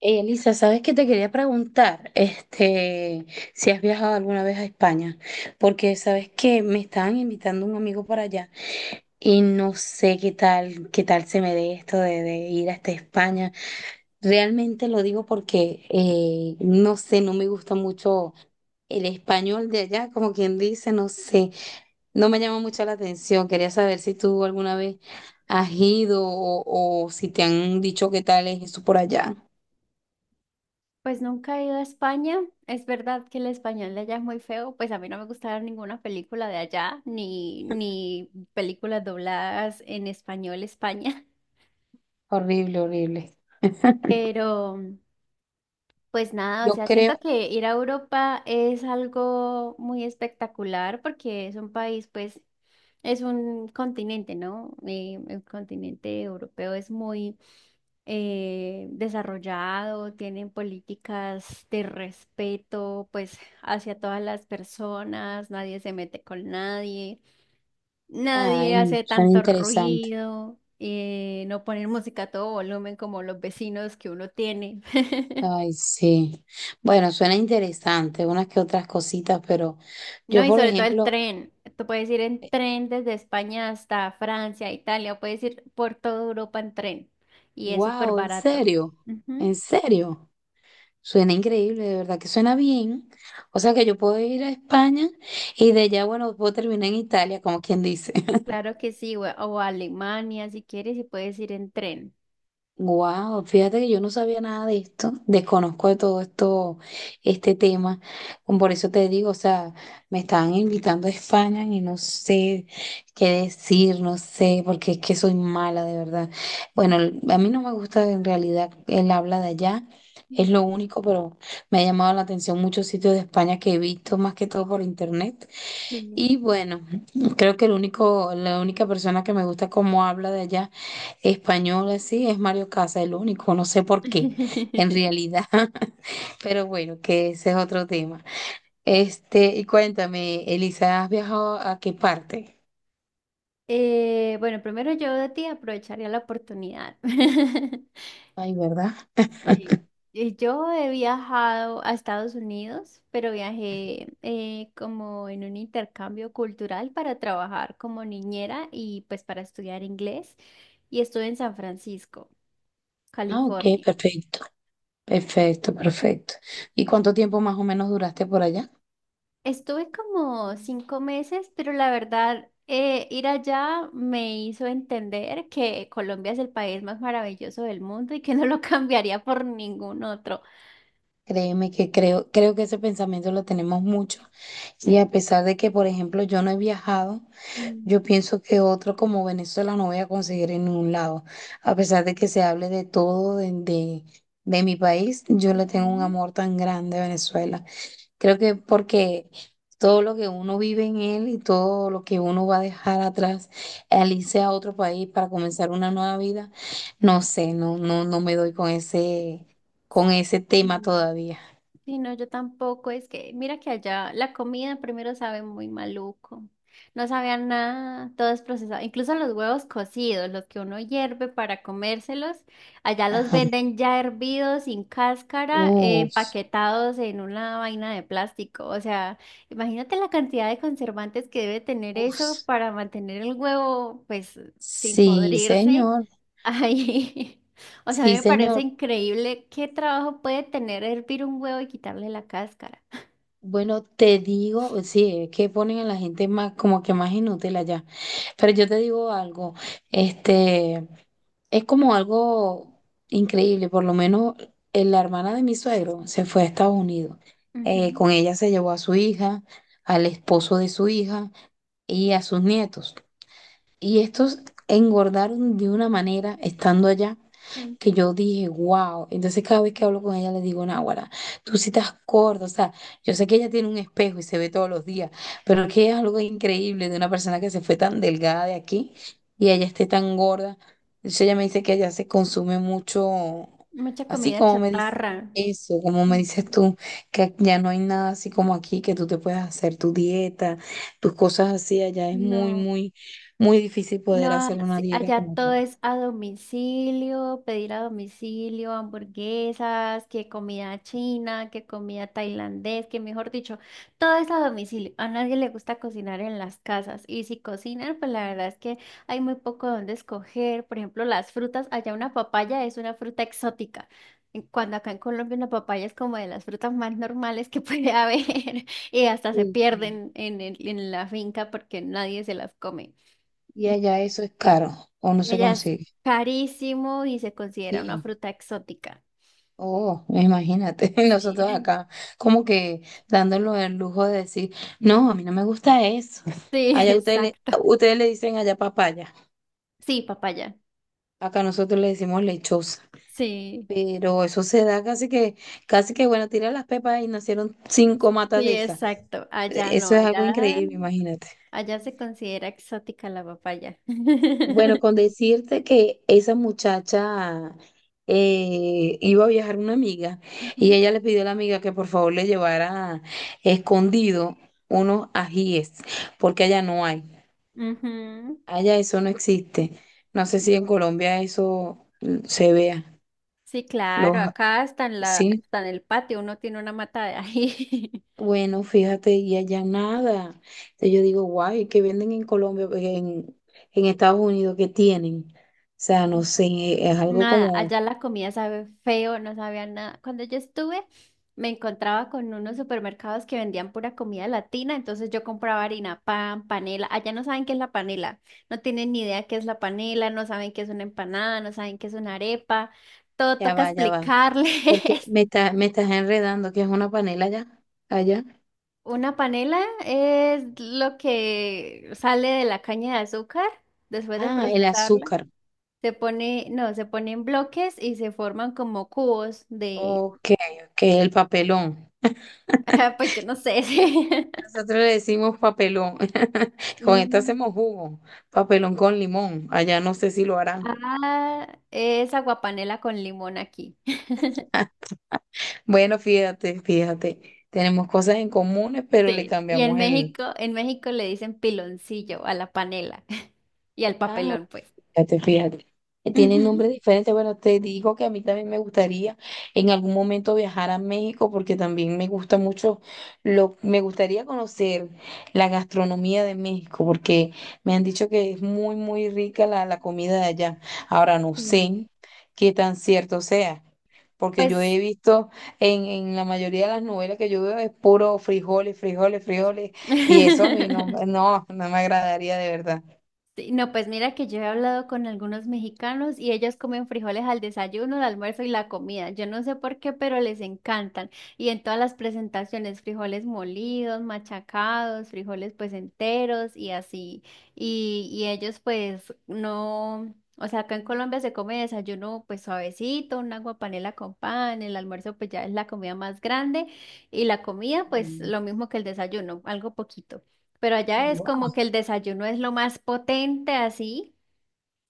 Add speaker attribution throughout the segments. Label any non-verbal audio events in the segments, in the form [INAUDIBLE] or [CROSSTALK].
Speaker 1: Elisa, ¿sabes qué te quería preguntar? Si has viajado alguna vez a España, porque sabes que me estaban invitando un amigo para allá y no sé qué tal se me dé esto de ir hasta España. Realmente lo digo porque no sé, no me gusta mucho el español de allá, como quien dice, no sé, no me llama mucho la atención. Quería saber si tú alguna vez has ido o si te han dicho qué tal es eso por allá.
Speaker 2: Pues nunca he ido a España. Es verdad que el español de allá es muy feo. Pues a mí no me gusta ver ninguna película de allá, ni películas dobladas en español España. [LAUGHS]
Speaker 1: Horrible, horrible.
Speaker 2: Pero, pues nada, o
Speaker 1: Yo
Speaker 2: sea, siento
Speaker 1: creo,
Speaker 2: que ir a Europa es algo muy espectacular porque es un país, pues, es un continente, ¿no? El continente europeo es muy desarrollado, tienen políticas de respeto, pues, hacia todas las personas, nadie se mete con nadie,
Speaker 1: ay,
Speaker 2: nadie hace
Speaker 1: suena
Speaker 2: tanto
Speaker 1: interesante.
Speaker 2: ruido, no ponen música a todo volumen como los vecinos que uno tiene. [LAUGHS]
Speaker 1: Ay, sí. Bueno, suena interesante, unas que otras cositas, pero
Speaker 2: No,
Speaker 1: yo,
Speaker 2: y
Speaker 1: por
Speaker 2: sobre todo el
Speaker 1: ejemplo,
Speaker 2: tren. Tú puedes ir en tren desde España hasta Francia, Italia, puedes ir por toda Europa en tren y es súper
Speaker 1: wow, en
Speaker 2: barato.
Speaker 1: serio, en
Speaker 2: Ujú.
Speaker 1: serio. Suena increíble, de verdad que suena bien. O sea que yo puedo ir a España y de allá, bueno, puedo terminar en Italia, como quien dice. [LAUGHS]
Speaker 2: Claro que sí, o a Alemania si quieres y puedes ir en tren.
Speaker 1: Wow, fíjate que yo no sabía nada de esto, desconozco de todo esto, este tema. Como por eso te digo, o sea, me estaban invitando a España y no sé qué decir, no sé, porque es que soy mala de verdad. Bueno, a mí no me gusta en realidad el habla de allá, es lo único, pero me ha llamado la atención muchos sitios de España que he visto más que todo por internet.
Speaker 2: Sí.
Speaker 1: Y bueno, creo que la única persona que me gusta cómo habla de allá español así es Mario Casa, el único, no sé por qué, en
Speaker 2: [LAUGHS]
Speaker 1: realidad. [LAUGHS] Pero bueno, que ese es otro tema. Y cuéntame, Elisa, ¿has viajado a qué parte?
Speaker 2: Bueno, primero yo de ti aprovecharía la oportunidad. [LAUGHS]
Speaker 1: Ay, ¿verdad?
Speaker 2: Sí, y yo he viajado a Estados Unidos, pero viajé como en un intercambio cultural para trabajar como niñera y pues para estudiar inglés y estuve en San Francisco,
Speaker 1: Ah, ok,
Speaker 2: California.
Speaker 1: perfecto, perfecto, perfecto. ¿Y cuánto tiempo más o menos duraste por allá?
Speaker 2: Estuve como 5 meses, pero la verdad, ir allá me hizo entender que Colombia es el país más maravilloso del mundo y que no lo [LAUGHS] cambiaría por ningún otro.
Speaker 1: Créeme que creo que ese pensamiento lo tenemos mucho. Y a pesar de que, por ejemplo, yo no he viajado.
Speaker 2: Mm,
Speaker 1: Yo pienso que otro como Venezuela no voy a conseguir en ningún lado. A pesar de que se hable de todo de mi país, yo le tengo un amor tan grande a Venezuela. Creo que porque todo lo que uno vive en él y todo lo que uno va a dejar atrás al irse a otro país para comenzar una nueva vida, no sé, no me doy con con ese tema
Speaker 2: ujú.
Speaker 1: todavía.
Speaker 2: Sí, no, yo tampoco. Es que, mira que allá la comida primero sabe muy maluco. No sabían nada, todo es procesado. Incluso los huevos cocidos, los que uno hierve para comérselos, allá los
Speaker 1: Ajá.
Speaker 2: venden ya hervidos, sin cáscara,
Speaker 1: Uf,
Speaker 2: empaquetados en una vaina de plástico. O sea, imagínate la cantidad de conservantes que debe tener eso
Speaker 1: uf.
Speaker 2: para mantener el huevo, pues, sin
Speaker 1: Sí,
Speaker 2: podrirse
Speaker 1: señor.
Speaker 2: ahí. [LAUGHS] O sea, a mí
Speaker 1: Sí,
Speaker 2: me parece
Speaker 1: señor.
Speaker 2: increíble qué trabajo puede tener hervir un huevo y quitarle la cáscara.
Speaker 1: Bueno, te digo, pues sí, es que ponen a la gente más, como que más inútil allá. Pero yo te digo algo, este, es como algo increíble, por lo menos la hermana de mi suegro se fue a Estados Unidos.
Speaker 2: Ujú,
Speaker 1: Con ella se llevó a su hija, al esposo de su hija y a sus nietos. Y estos engordaron de una manera estando allá
Speaker 2: ujú.
Speaker 1: que yo dije, wow. Entonces cada vez que hablo con ella le digo, Náguara, tú sí estás gorda. O sea, yo sé que ella tiene un espejo y se ve todos los días, pero es que es algo increíble de una persona que se fue tan delgada de aquí y ella esté tan gorda. Entonces ella me dice que ella se consume mucho,
Speaker 2: Mucha
Speaker 1: así
Speaker 2: comida
Speaker 1: como me dice
Speaker 2: chatarra.
Speaker 1: eso, como me dices
Speaker 2: Ujú.
Speaker 1: tú, que ya no hay nada así como aquí, que tú te puedas hacer tu dieta, tus cosas así, allá es
Speaker 2: No.
Speaker 1: muy difícil poder
Speaker 2: No,
Speaker 1: hacer una
Speaker 2: sí,
Speaker 1: dieta
Speaker 2: allá
Speaker 1: como
Speaker 2: todo
Speaker 1: tal.
Speaker 2: es a domicilio, pedir a domicilio, hamburguesas, que comida china, que comida tailandés, que mejor dicho, todo es a domicilio. A nadie le gusta cocinar en las casas y si cocinan, pues la verdad es que hay muy poco donde escoger. Por ejemplo, las frutas, allá una papaya es una fruta exótica. Cuando acá en Colombia una papaya es como de las frutas más normales que puede haber [LAUGHS] y hasta se
Speaker 1: Sí, sí.
Speaker 2: pierden en la finca porque nadie se las come.
Speaker 1: Y allá eso es caro o no se
Speaker 2: Ella es
Speaker 1: consigue.
Speaker 2: carísimo y se considera una
Speaker 1: Sí.
Speaker 2: fruta exótica.
Speaker 1: Oh, imagínate, [LAUGHS] nosotros
Speaker 2: Sí.
Speaker 1: acá como que dándole el lujo de decir, no, a mí no me gusta eso. [LAUGHS]
Speaker 2: Sí,
Speaker 1: Allá
Speaker 2: [LAUGHS]
Speaker 1: ustedes le,
Speaker 2: exacto.
Speaker 1: ustedes le dicen allá papaya,
Speaker 2: Sí, papaya.
Speaker 1: acá nosotros le decimos lechosa.
Speaker 2: Sí,
Speaker 1: Pero eso se da casi que bueno, tira las pepas y nacieron cinco matas
Speaker 2: sí,
Speaker 1: de esas.
Speaker 2: exacto. Allá no,
Speaker 1: Eso es algo
Speaker 2: allá,
Speaker 1: increíble, imagínate.
Speaker 2: allá se considera exótica la papaya.
Speaker 1: Bueno,
Speaker 2: [LAUGHS]
Speaker 1: con decirte que esa muchacha iba a viajar una amiga y
Speaker 2: Ujú,
Speaker 1: ella le pidió a la amiga que por favor le llevara escondido unos ajíes, porque allá no hay,
Speaker 2: ujú.
Speaker 1: allá eso no existe. No sé si en
Speaker 2: No.
Speaker 1: Colombia eso se vea,
Speaker 2: Sí,
Speaker 1: los,
Speaker 2: claro, acá está
Speaker 1: sí.
Speaker 2: está en el patio uno tiene una mata de ají.
Speaker 1: Bueno, fíjate, y allá nada. Entonces yo digo, guay, ¿qué venden en Colombia, en Estados Unidos, qué tienen? O sea, no
Speaker 2: [LAUGHS]
Speaker 1: sé, es algo
Speaker 2: Nada,
Speaker 1: como,
Speaker 2: allá la comida sabe feo, no sabía nada. Cuando yo estuve, me encontraba con unos supermercados que vendían pura comida latina, entonces yo compraba harina, pan, panela. Allá no saben qué es la panela, no tienen ni idea qué es la panela, no saben qué es una empanada, no saben qué es una arepa. Todo
Speaker 1: ya
Speaker 2: toca
Speaker 1: va, ya va. Porque
Speaker 2: explicarles. [LAUGHS]
Speaker 1: me estás enredando, que es una panela allá.
Speaker 2: Una panela es lo que sale de la caña de azúcar después de
Speaker 1: Ah, el
Speaker 2: procesarla.
Speaker 1: azúcar.
Speaker 2: Se pone, no, se pone en bloques y se forman como cubos de
Speaker 1: Ok, ok, el papelón.
Speaker 2: [LAUGHS] Pues yo no sé. Sí. [LAUGHS]
Speaker 1: Nosotros le decimos papelón. [LAUGHS] Con esto
Speaker 2: Mm.
Speaker 1: hacemos jugo. Papelón con limón. Allá no sé si lo harán.
Speaker 2: Ah, es aguapanela con limón aquí. [LAUGHS]
Speaker 1: [LAUGHS] Bueno, fíjate, fíjate. Tenemos cosas en comunes, pero le
Speaker 2: Sí. Y
Speaker 1: cambiamos el.
Speaker 2: En México le dicen piloncillo a la panela [LAUGHS] y al
Speaker 1: Ah,
Speaker 2: papelón, pues.
Speaker 1: fíjate, fíjate. Tiene nombre
Speaker 2: Ujú.
Speaker 1: diferente. Bueno, te digo que a mí también me gustaría en algún momento viajar a México porque también me gusta mucho, me gustaría conocer la gastronomía de México porque me han dicho que es muy rica la comida de allá. Ahora no
Speaker 2: Sí.
Speaker 1: sé qué tan cierto sea. Porque yo
Speaker 2: Pues
Speaker 1: he visto en la mayoría de las novelas que yo veo es puro frijoles, frijoles, frijoles, y eso a mí
Speaker 2: [LAUGHS]
Speaker 1: no me agradaría de verdad.
Speaker 2: sí, no, pues mira que yo he hablado con algunos mexicanos y ellos comen frijoles al desayuno, al almuerzo y la comida. Yo no sé por qué, pero les encantan. Y en todas las presentaciones, frijoles molidos, machacados, frijoles pues enteros y así. Y ellos pues no, o sea, acá en Colombia se come desayuno pues suavecito, un agua panela con pan, el almuerzo pues ya es la comida más grande y la comida pues lo mismo que el desayuno, algo poquito. Pero
Speaker 1: Sí.
Speaker 2: allá es como que el desayuno es lo más potente, así,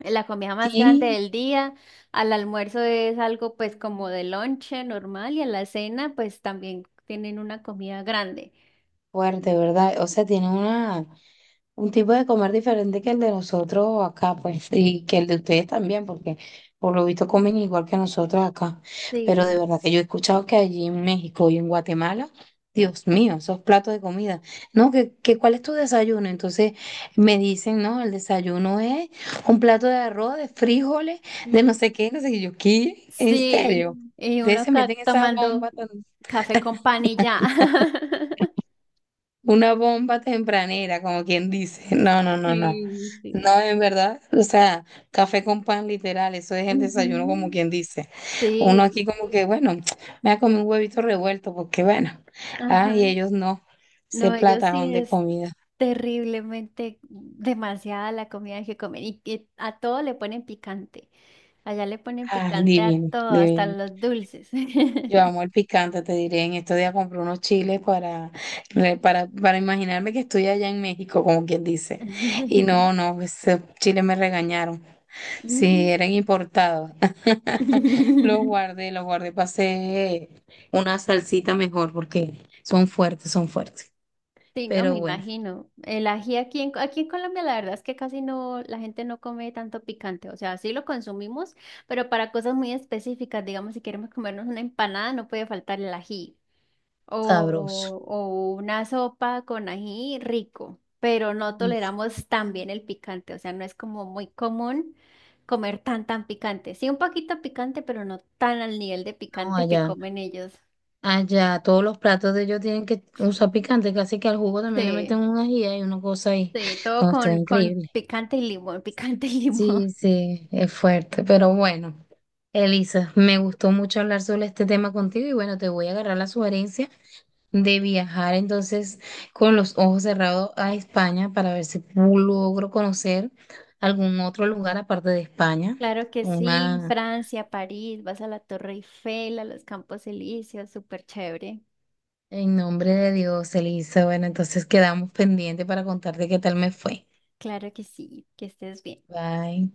Speaker 2: la comida más grande
Speaker 1: Sí,
Speaker 2: del día, al almuerzo es algo pues como de lonche normal y a la cena pues también tienen una comida grande.
Speaker 1: fuerte, ¿verdad? O sea, tiene una, un tipo de comer diferente que el de nosotros acá, pues, y que el de ustedes también, porque por lo visto comen igual que nosotros acá. Pero de
Speaker 2: Sí,
Speaker 1: verdad que yo he escuchado que allí en México y en Guatemala, Dios mío, esos platos de comida. No, que ¿cuál es tu desayuno? Entonces me dicen, no, el desayuno es un plato de arroz, de frijoles, de
Speaker 2: mm,
Speaker 1: no sé qué, no sé qué. Yo, ¿qué? ¿En
Speaker 2: sí,
Speaker 1: serio?
Speaker 2: y
Speaker 1: Ustedes
Speaker 2: uno
Speaker 1: se meten esa
Speaker 2: tomando
Speaker 1: bomba tan.
Speaker 2: café con pan y ya. [LAUGHS]
Speaker 1: Una bomba tempranera, como quien dice. No, no, no, no.
Speaker 2: Sí,
Speaker 1: No,
Speaker 2: sí.
Speaker 1: en verdad, o sea, café con pan literal, eso es el desayuno, como
Speaker 2: Ujú.
Speaker 1: quien dice. Uno
Speaker 2: Sí,
Speaker 1: aquí como que, bueno, [TSK] me ha comido un huevito revuelto, porque bueno, ay,
Speaker 2: ajá.
Speaker 1: ellos no, ese
Speaker 2: No, ellos
Speaker 1: platajón
Speaker 2: sí
Speaker 1: de
Speaker 2: es
Speaker 1: comida.
Speaker 2: terriblemente demasiada la comida que comen y que a todo le ponen picante. Allá le ponen
Speaker 1: Ah,
Speaker 2: picante a
Speaker 1: divino,
Speaker 2: todo, hasta
Speaker 1: divino.
Speaker 2: los dulces.
Speaker 1: Yo amo el picante, te diré, en estos días compré unos chiles para imaginarme que estoy allá en México, como quien dice. Y
Speaker 2: [LAUGHS]
Speaker 1: no, no, esos chiles me regañaron.
Speaker 2: Mm.
Speaker 1: Sí, eran importados. [LAUGHS]
Speaker 2: [LAUGHS]
Speaker 1: Los guardé, pasé una salsita mejor porque son fuertes, son fuertes.
Speaker 2: Sí, no me
Speaker 1: Pero bueno,
Speaker 2: imagino. El ají aquí en Colombia, la verdad es que casi no, la gente no come tanto picante. O sea, sí lo consumimos, pero para cosas muy específicas, digamos, si queremos comernos una empanada, no puede faltar el ají.
Speaker 1: sabroso.
Speaker 2: O una sopa con ají rico, pero no
Speaker 1: Uf,
Speaker 2: toleramos tan bien el picante, o sea, no es como muy común comer tan tan picante. Sí, un poquito picante, pero no tan al nivel de
Speaker 1: no,
Speaker 2: picante que comen ellos.
Speaker 1: allá todos los platos de ellos tienen que usar picante, casi que al jugo también le meten
Speaker 2: Sí,
Speaker 1: un ají y una cosa ahí.
Speaker 2: sí, todo
Speaker 1: No, esto es
Speaker 2: con
Speaker 1: increíble.
Speaker 2: picante y limón, [LAUGHS] picante y limón.
Speaker 1: Sí,
Speaker 2: [LAUGHS]
Speaker 1: sí, es fuerte, pero bueno. Elisa, me gustó mucho hablar sobre este tema contigo y bueno, te voy a agarrar la sugerencia de viajar entonces con los ojos cerrados a España para ver si logro conocer algún otro lugar aparte de España.
Speaker 2: Claro que sí,
Speaker 1: Una,
Speaker 2: Francia, París, vas a la Torre Eiffel, a los Campos Elíseos, súper chévere.
Speaker 1: en nombre de Dios, Elisa. Bueno, entonces quedamos pendientes para contarte qué tal me fue.
Speaker 2: Claro que sí, que estés bien.
Speaker 1: Bye.